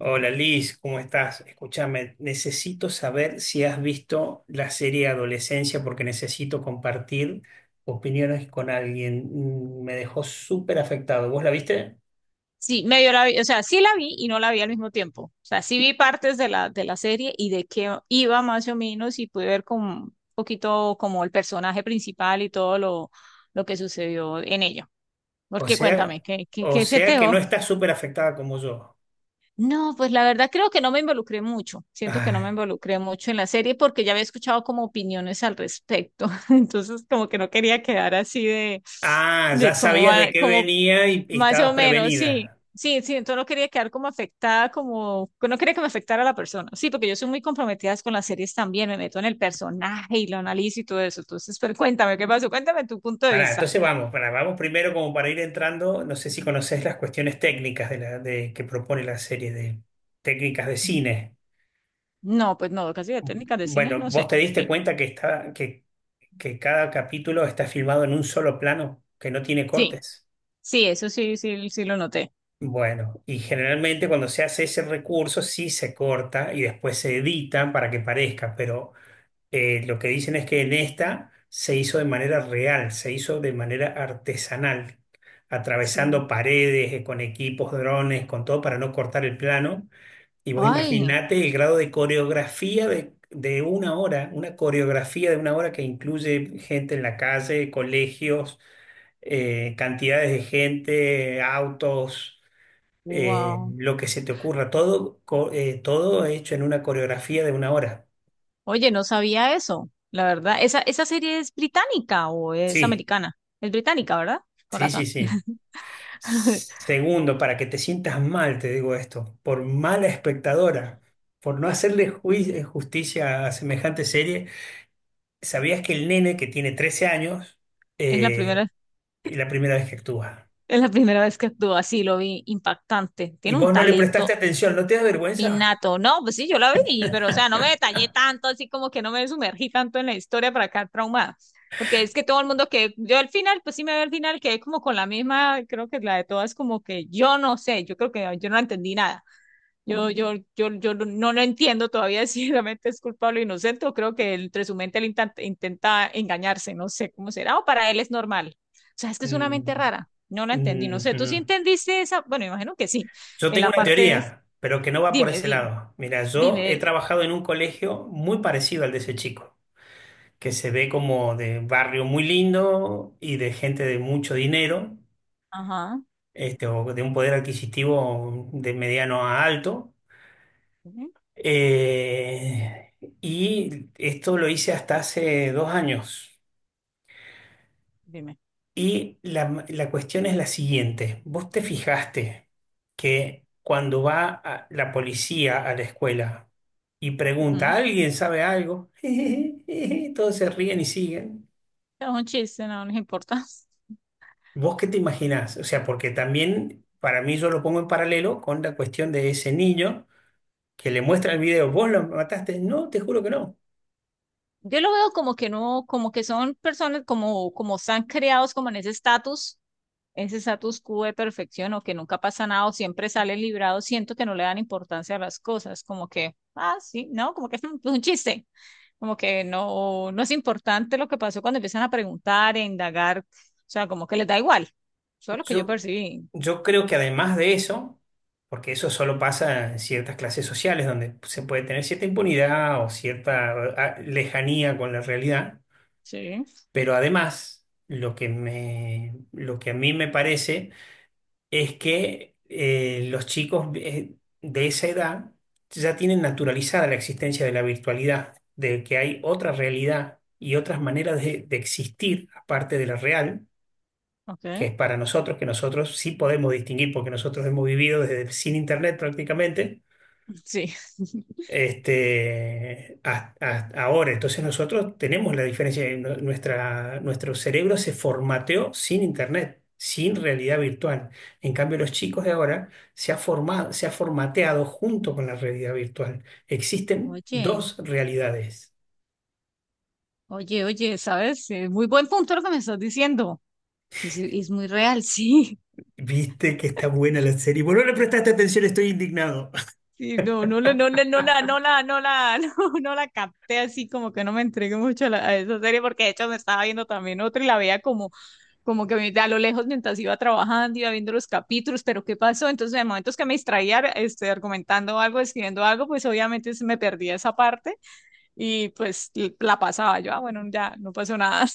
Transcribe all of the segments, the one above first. Hola Liz, ¿cómo estás? Escúchame, necesito saber si has visto la serie Adolescencia porque necesito compartir opiniones con alguien. Mm, me dejó súper afectado. ¿Vos la viste? Sí, medio la vi, o sea, sí la vi y no la vi al mismo tiempo. O sea, sí vi partes de la serie y de qué iba más o menos y pude ver como un poquito como el personaje principal y todo lo que sucedió en ella. O Porque cuéntame, sea, ¿qué, qué, o qué se te sea que no dejó? estás súper afectada como yo. No, pues la verdad creo que no me involucré mucho. Siento que no me Ay. involucré mucho en la serie porque ya había escuchado como opiniones al respecto. Entonces, como que no quería quedar así Ah, ya de cómo, sabías de qué cómo venía y más o estabas menos, sí. prevenida. Sí, entonces no quería quedar como afectada, como no quería que me afectara la persona. Sí, porque yo soy muy comprometida con las series también, me meto en el personaje y lo analizo y todo eso. Entonces, pero cuéntame, ¿qué pasó? Cuéntame tu punto de Pará, vista. entonces vamos, pará, vamos primero como para ir entrando, no sé si conoces las cuestiones técnicas de la, de, que propone la serie de técnicas de cine. No, pues no, casi de técnicas de cine, Bueno, no ¿vos sé. te diste Eh, cuenta que cada capítulo está filmado en un solo plano, que no tiene Sí, cortes? sí, eso sí, sí lo noté. Bueno, y generalmente cuando se hace ese recurso sí se corta y después se edita para que parezca, pero lo que dicen es que en esta se hizo de manera real, se hizo de manera artesanal, Sí. atravesando paredes, con equipos, drones, con todo para no cortar el plano. Y vos Ay, imaginate el grado de coreografía de una hora, una coreografía de una hora que incluye gente en la calle, colegios, cantidades de gente, autos, wow. lo que se te ocurra, todo, todo hecho en una coreografía de una hora. Oye, no sabía eso, la verdad. ¿Esa serie es británica o es Sí, americana? Es británica, ¿verdad? Con sí, sí, razón. sí. Segundo, para que te sientas mal, te digo esto, por mala espectadora, por no hacerle justicia a semejante serie. ¿Sabías que el nene que tiene 13 años Es la eh, primera. es la primera vez que actúa? Es la primera vez que actuó así, lo vi impactante. Y Tiene un vos no le talento prestaste atención, ¿no te da vergüenza? innato. No, pues sí, yo la vi, pero o sea, no me detallé tanto, así como que no me sumergí tanto en la historia para acá traumada. Porque es que todo el mundo que yo al final, pues sí me veo al final, quedé como con la misma, creo que la de todas, como que yo no sé, yo creo que yo no entendí nada. Yo no lo entiendo todavía si realmente es culpable o inocente, o creo que entre su mente él intenta engañarse, no sé cómo será, o para él es normal. O sea, es que es una mente Mm, rara, no la entendí, no mm, sé, ¿tú sí mm. entendiste esa? Bueno, imagino que sí, Yo en tengo la una parte es, teoría, pero que no va por dime, ese dime, lado. Mira, yo he dime, trabajado en un colegio muy parecido al de ese chico, que se ve como de barrio muy lindo y de gente de mucho dinero, ajá, este, o de un poder adquisitivo de mediano a alto. ujú, Eh, y esto lo hice hasta hace 2 años. dime, Y la cuestión es la siguiente. ¿Vos te fijaste que cuando la policía a la escuela y pregunta, ujú. ¿alguien sabe algo? Todos se ríen y siguen. Es un chiste, no nos importa. ¿Vos qué te imaginás? O sea, porque también para mí yo lo pongo en paralelo con la cuestión de ese niño que le muestra el video. ¿Vos lo mataste? No, te juro que no. Yo lo veo como que no, como que son personas como, como están creados como en ese estatus, ese status quo de perfección o que nunca pasa nada o siempre salen librados, siento que no le dan importancia a las cosas, como que, ah, sí, no, como que es un chiste, como que no, no es importante lo que pasó cuando empiezan a preguntar, a indagar, o sea, como que les da igual, eso es lo que yo Yo percibí, Yo creo que además de eso, porque eso solo pasa en ciertas clases sociales donde se puede tener cierta impunidad o cierta ah, lejanía con la realidad, sí, pero además lo que a mí me parece es que los chicos de esa edad ya tienen naturalizada la existencia de la virtualidad, de que hay otra realidad y otras maneras de existir aparte de la real, ok, que es para nosotros, que nosotros sí podemos distinguir porque nosotros hemos vivido desde sin internet prácticamente. sí. Este, ahora, entonces nosotros tenemos la diferencia, nuestro cerebro se formateó sin internet, sin realidad virtual. En cambio, los chicos de ahora se ha formateado junto con la realidad virtual. Existen Oye, dos realidades. oye, oye, ¿sabes? Muy buen punto lo que me estás diciendo. Es muy real, sí. Viste que está buena la serie. Bueno, no le prestaste atención, estoy indignado. Sí, no, no, no, no, la, no, la, no, la, no, no la capté así, como que no me entregué mucho a, a esa serie, porque de hecho me estaba viendo también otra y la veía como, como que a lo lejos mientras iba trabajando, iba viendo los capítulos, pero ¿qué pasó? Entonces, en momentos que me distraía, este, argumentando algo, escribiendo algo, pues obviamente se me perdía esa parte y pues la pasaba yo, ah, bueno, ya no pasó nada,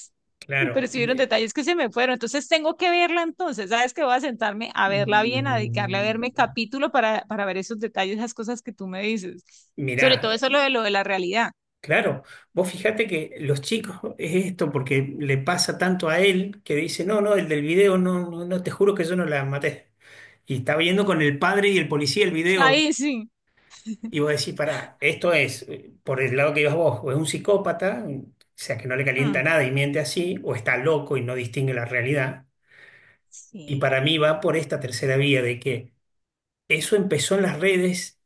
Claro, pero sí vieron me- detalles que se me fueron, entonces tengo que verla entonces, ¿sabes que voy a sentarme a verla bien, a dedicarle a verme capítulo para ver esos detalles, esas cosas que tú me dices, Mirá, sobre todo eso lo de la realidad, claro, vos fijate que los chicos es esto porque le pasa tanto a él que dice, no, no, el del video, no, no, no, te juro que yo no la maté. Y está viendo con el padre y el policía el video ahí sí, y vos decís, pará, esto es, por el lado que ibas vos, o es un psicópata, o sea, que no le calienta Mm, nada y miente así, o está loco y no distingue la realidad. Y sí, para mí va por esta tercera vía de que eso empezó en las redes,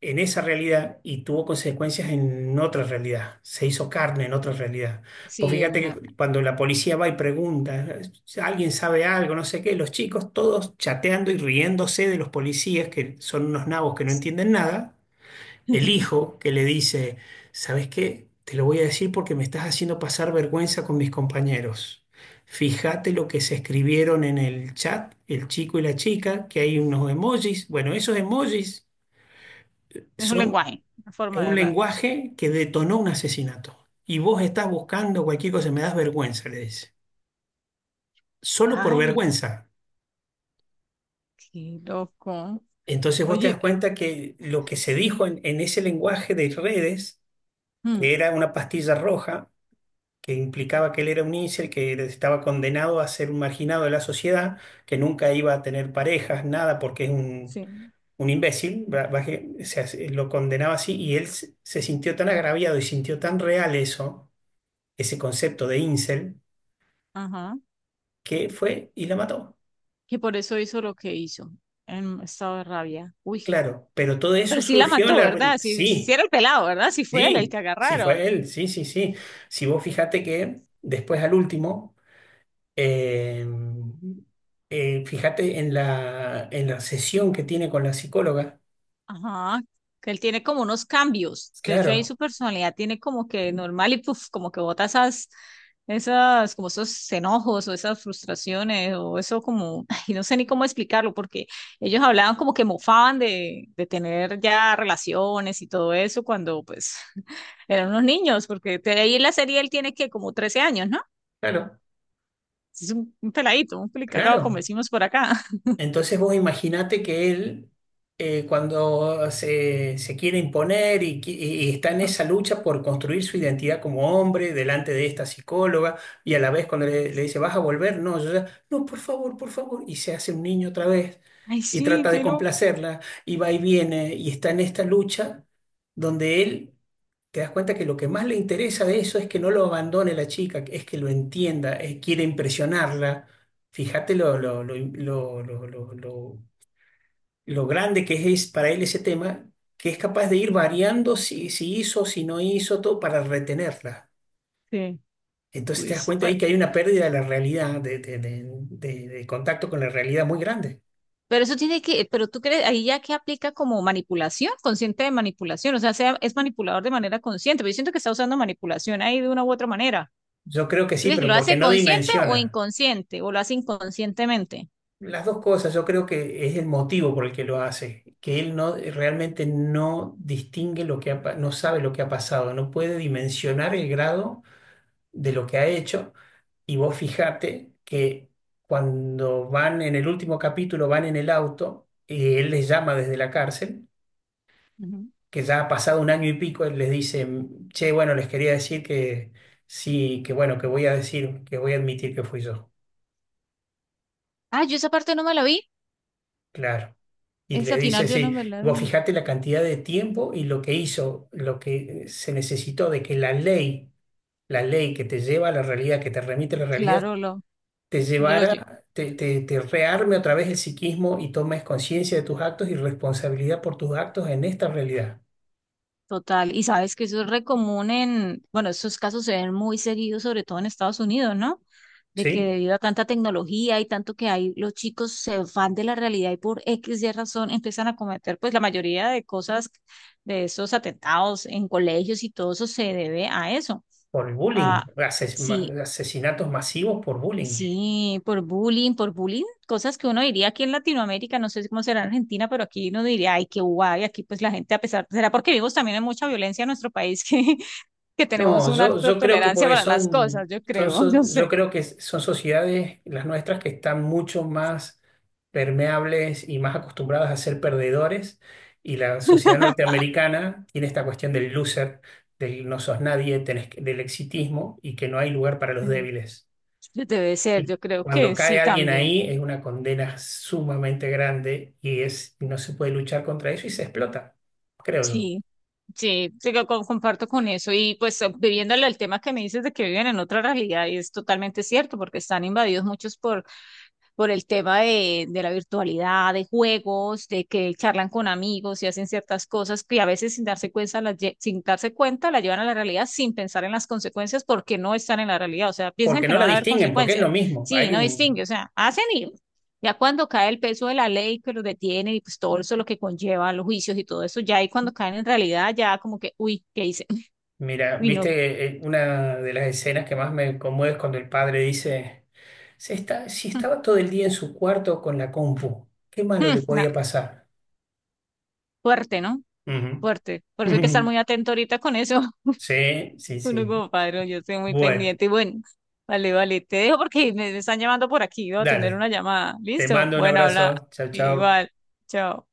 en esa realidad, y tuvo consecuencias en otra realidad. Se hizo carne en otra realidad. Pues sí, fíjate que cuando la policía va y pregunta, "Si alguien sabe algo", no sé qué, los chicos todos chateando y riéndose de los policías, que son unos nabos que no entienden nada, el hijo que le dice, ¿sabes qué? Te lo voy a decir porque me estás haciendo pasar vergüenza con mis compañeros. Fíjate lo que se escribieron en el chat, el chico y la chica, que hay unos emojis. Bueno, esos emojis es un son lenguaje, una forma de un hablar. lenguaje que detonó un asesinato. Y vos estás buscando cualquier cosa, me das vergüenza, le dice. Solo por Ay, vergüenza. qué loco. Entonces vos te das Oye, cuenta que lo que se dijo en ese lenguaje de redes, mm, que era una pastilla roja, que implicaba que él era un incel, que estaba condenado a ser un marginado de la sociedad, que nunca iba a tener parejas, nada, porque es sí, un imbécil, o sea, lo condenaba así, y él se sintió tan agraviado y sintió tan real eso, ese concepto de incel, ajá, que fue y la mató. que por eso hizo lo que hizo, en estado de rabia. Uy, Claro, pero todo eso pero sí la surgió en mató, la... ¿verdad? Si, si Sí, era el pelado, ¿verdad? Si fue él el sí, que sí agarraron. fue él, sí, sí, sí. Si vos fijate que después al último Eh, fíjate en en la sesión que tiene con la psicóloga. Ajá. Que él tiene como unos cambios. De hecho, ahí Claro, su personalidad tiene como que normal y puff, como que bota esas, esas, como esos enojos o esas frustraciones o eso como, y no sé ni cómo explicarlo porque ellos hablaban como que mofaban de tener ya relaciones y todo eso cuando pues eran unos niños, porque de ahí en la serie él tiene que como 13 años, ¿no? claro, Es un peladito, un pelicagado, como claro. decimos por acá. Entonces vos imaginate que él, cuando se quiere imponer y y está en esa lucha por construir su identidad como hombre delante de esta psicóloga, y a la vez cuando le dice, ¿vas a volver? No, yo ya, no, por favor, por favor. Y se hace un niño otra vez Ay, y sí, trata de qué loco. complacerla y va y viene y está en esta lucha donde él te das cuenta que lo que más le interesa de eso es que no lo abandone la chica, es que lo entienda, quiere impresionarla. Fíjate lo grande que es para él ese tema, que es capaz de ir variando si, si hizo, si no hizo, todo para retenerla. Sí, Entonces te das pues, cuenta ahí bueno. que hay una pérdida de la realidad, de contacto con la realidad muy grande. Pero eso tiene que, pero tú crees, ahí ya que aplica como manipulación, consciente de manipulación, o sea, es manipulador de manera consciente, pero yo siento que está usando manipulación ahí de una u otra manera. Yo creo que ¿Tú sí, crees que pero lo porque hace no consciente o dimensiona. inconsciente, o lo hace inconscientemente? Las dos cosas, yo creo que es el motivo por el que lo hace, que él no realmente no distingue lo que ha no sabe lo que ha pasado, no puede dimensionar el grado de lo que ha hecho. Y vos fijate que cuando van en el último capítulo, van en el auto, y él les llama desde la cárcel, Ujú. que ya ha pasado 1 año y pico, él les dice, che, bueno, les quería decir que sí, que bueno, que voy a decir, que voy a admitir que fui yo. Ah, yo esa parte no me la vi. Claro. Y le Esa dice, final yo no sí, me la vi. vos fijate la cantidad de tiempo y lo que hizo, lo que se necesitó de que la ley que te lleva a la realidad, que te remite a la realidad, Claro, te lo oye. llevara, te rearme otra vez el psiquismo y tomes conciencia de tus actos y responsabilidad por tus actos en esta realidad, Total. Y sabes que eso es re común en, bueno, esos casos se ven muy seguidos, sobre todo en Estados Unidos, ¿no? De que ¿sí? debido a tanta tecnología y tanto que hay, los chicos se van de la realidad y por X y razón empiezan a cometer, pues la mayoría de cosas, de esos atentados en colegios y todo eso se debe a eso. Por el bullying, A, sí, asesinatos masivos por bullying. sí, por bullying, cosas que uno diría aquí en Latinoamérica, no sé cómo será en Argentina, pero aquí uno diría, ay, qué guay, aquí pues la gente a pesar, será porque vivimos también en mucha violencia en nuestro país que, que tenemos No, una alta yo creo que tolerancia porque para las son, cosas, yo creo, yo sé. yo creo que son sociedades, las nuestras, que están mucho más permeables y más acostumbradas a ser perdedores. Y la sociedad norteamericana tiene esta cuestión del loser, del no sos nadie, del exitismo y que no hay lugar para los Ujú. débiles. Debe ser, Y yo creo cuando que cae sí alguien también. ahí es una condena sumamente grande y es, no se puede luchar contra eso y se explota, creo yo. Sí, sí, sí, comparto con eso. Y pues viviéndolo el tema que me dices de que viven en otra realidad, y es totalmente cierto, porque están invadidos muchos por el tema de la virtualidad, de juegos, de que charlan con amigos y hacen ciertas cosas que a veces sin darse cuenta, sin darse cuenta, la llevan a la realidad sin pensar en las consecuencias porque no están en la realidad. O sea, piensan Porque que no no la van a haber distinguen, porque es consecuencias. lo mismo. Sí, Hay no distingue. un, O sea, hacen y ya cuando cae el peso de la ley que los detiene y pues todo eso lo que conlleva los juicios y todo eso, ya ahí cuando caen en realidad, ya como que, uy, ¿qué hice? mira, Uy, no. viste una de las escenas que más me conmueve es cuando el padre dice, "Se está, si estaba todo el día en su cuarto con la compu, ¿qué malo le Nah, podía pasar?" fuerte, ¿no? Fuerte. Por eso hay que estar Ujú. muy atento ahorita con eso. Sí, sí, Uno sí. como padre, yo estoy muy Bueno, pendiente. Y bueno, vale, vale, te dejo porque me están llamando por aquí. Voy a atender dale. una llamada. Te ¿Listo? mando un Bueno, habla abrazo. Chao, chao. igual. Chao.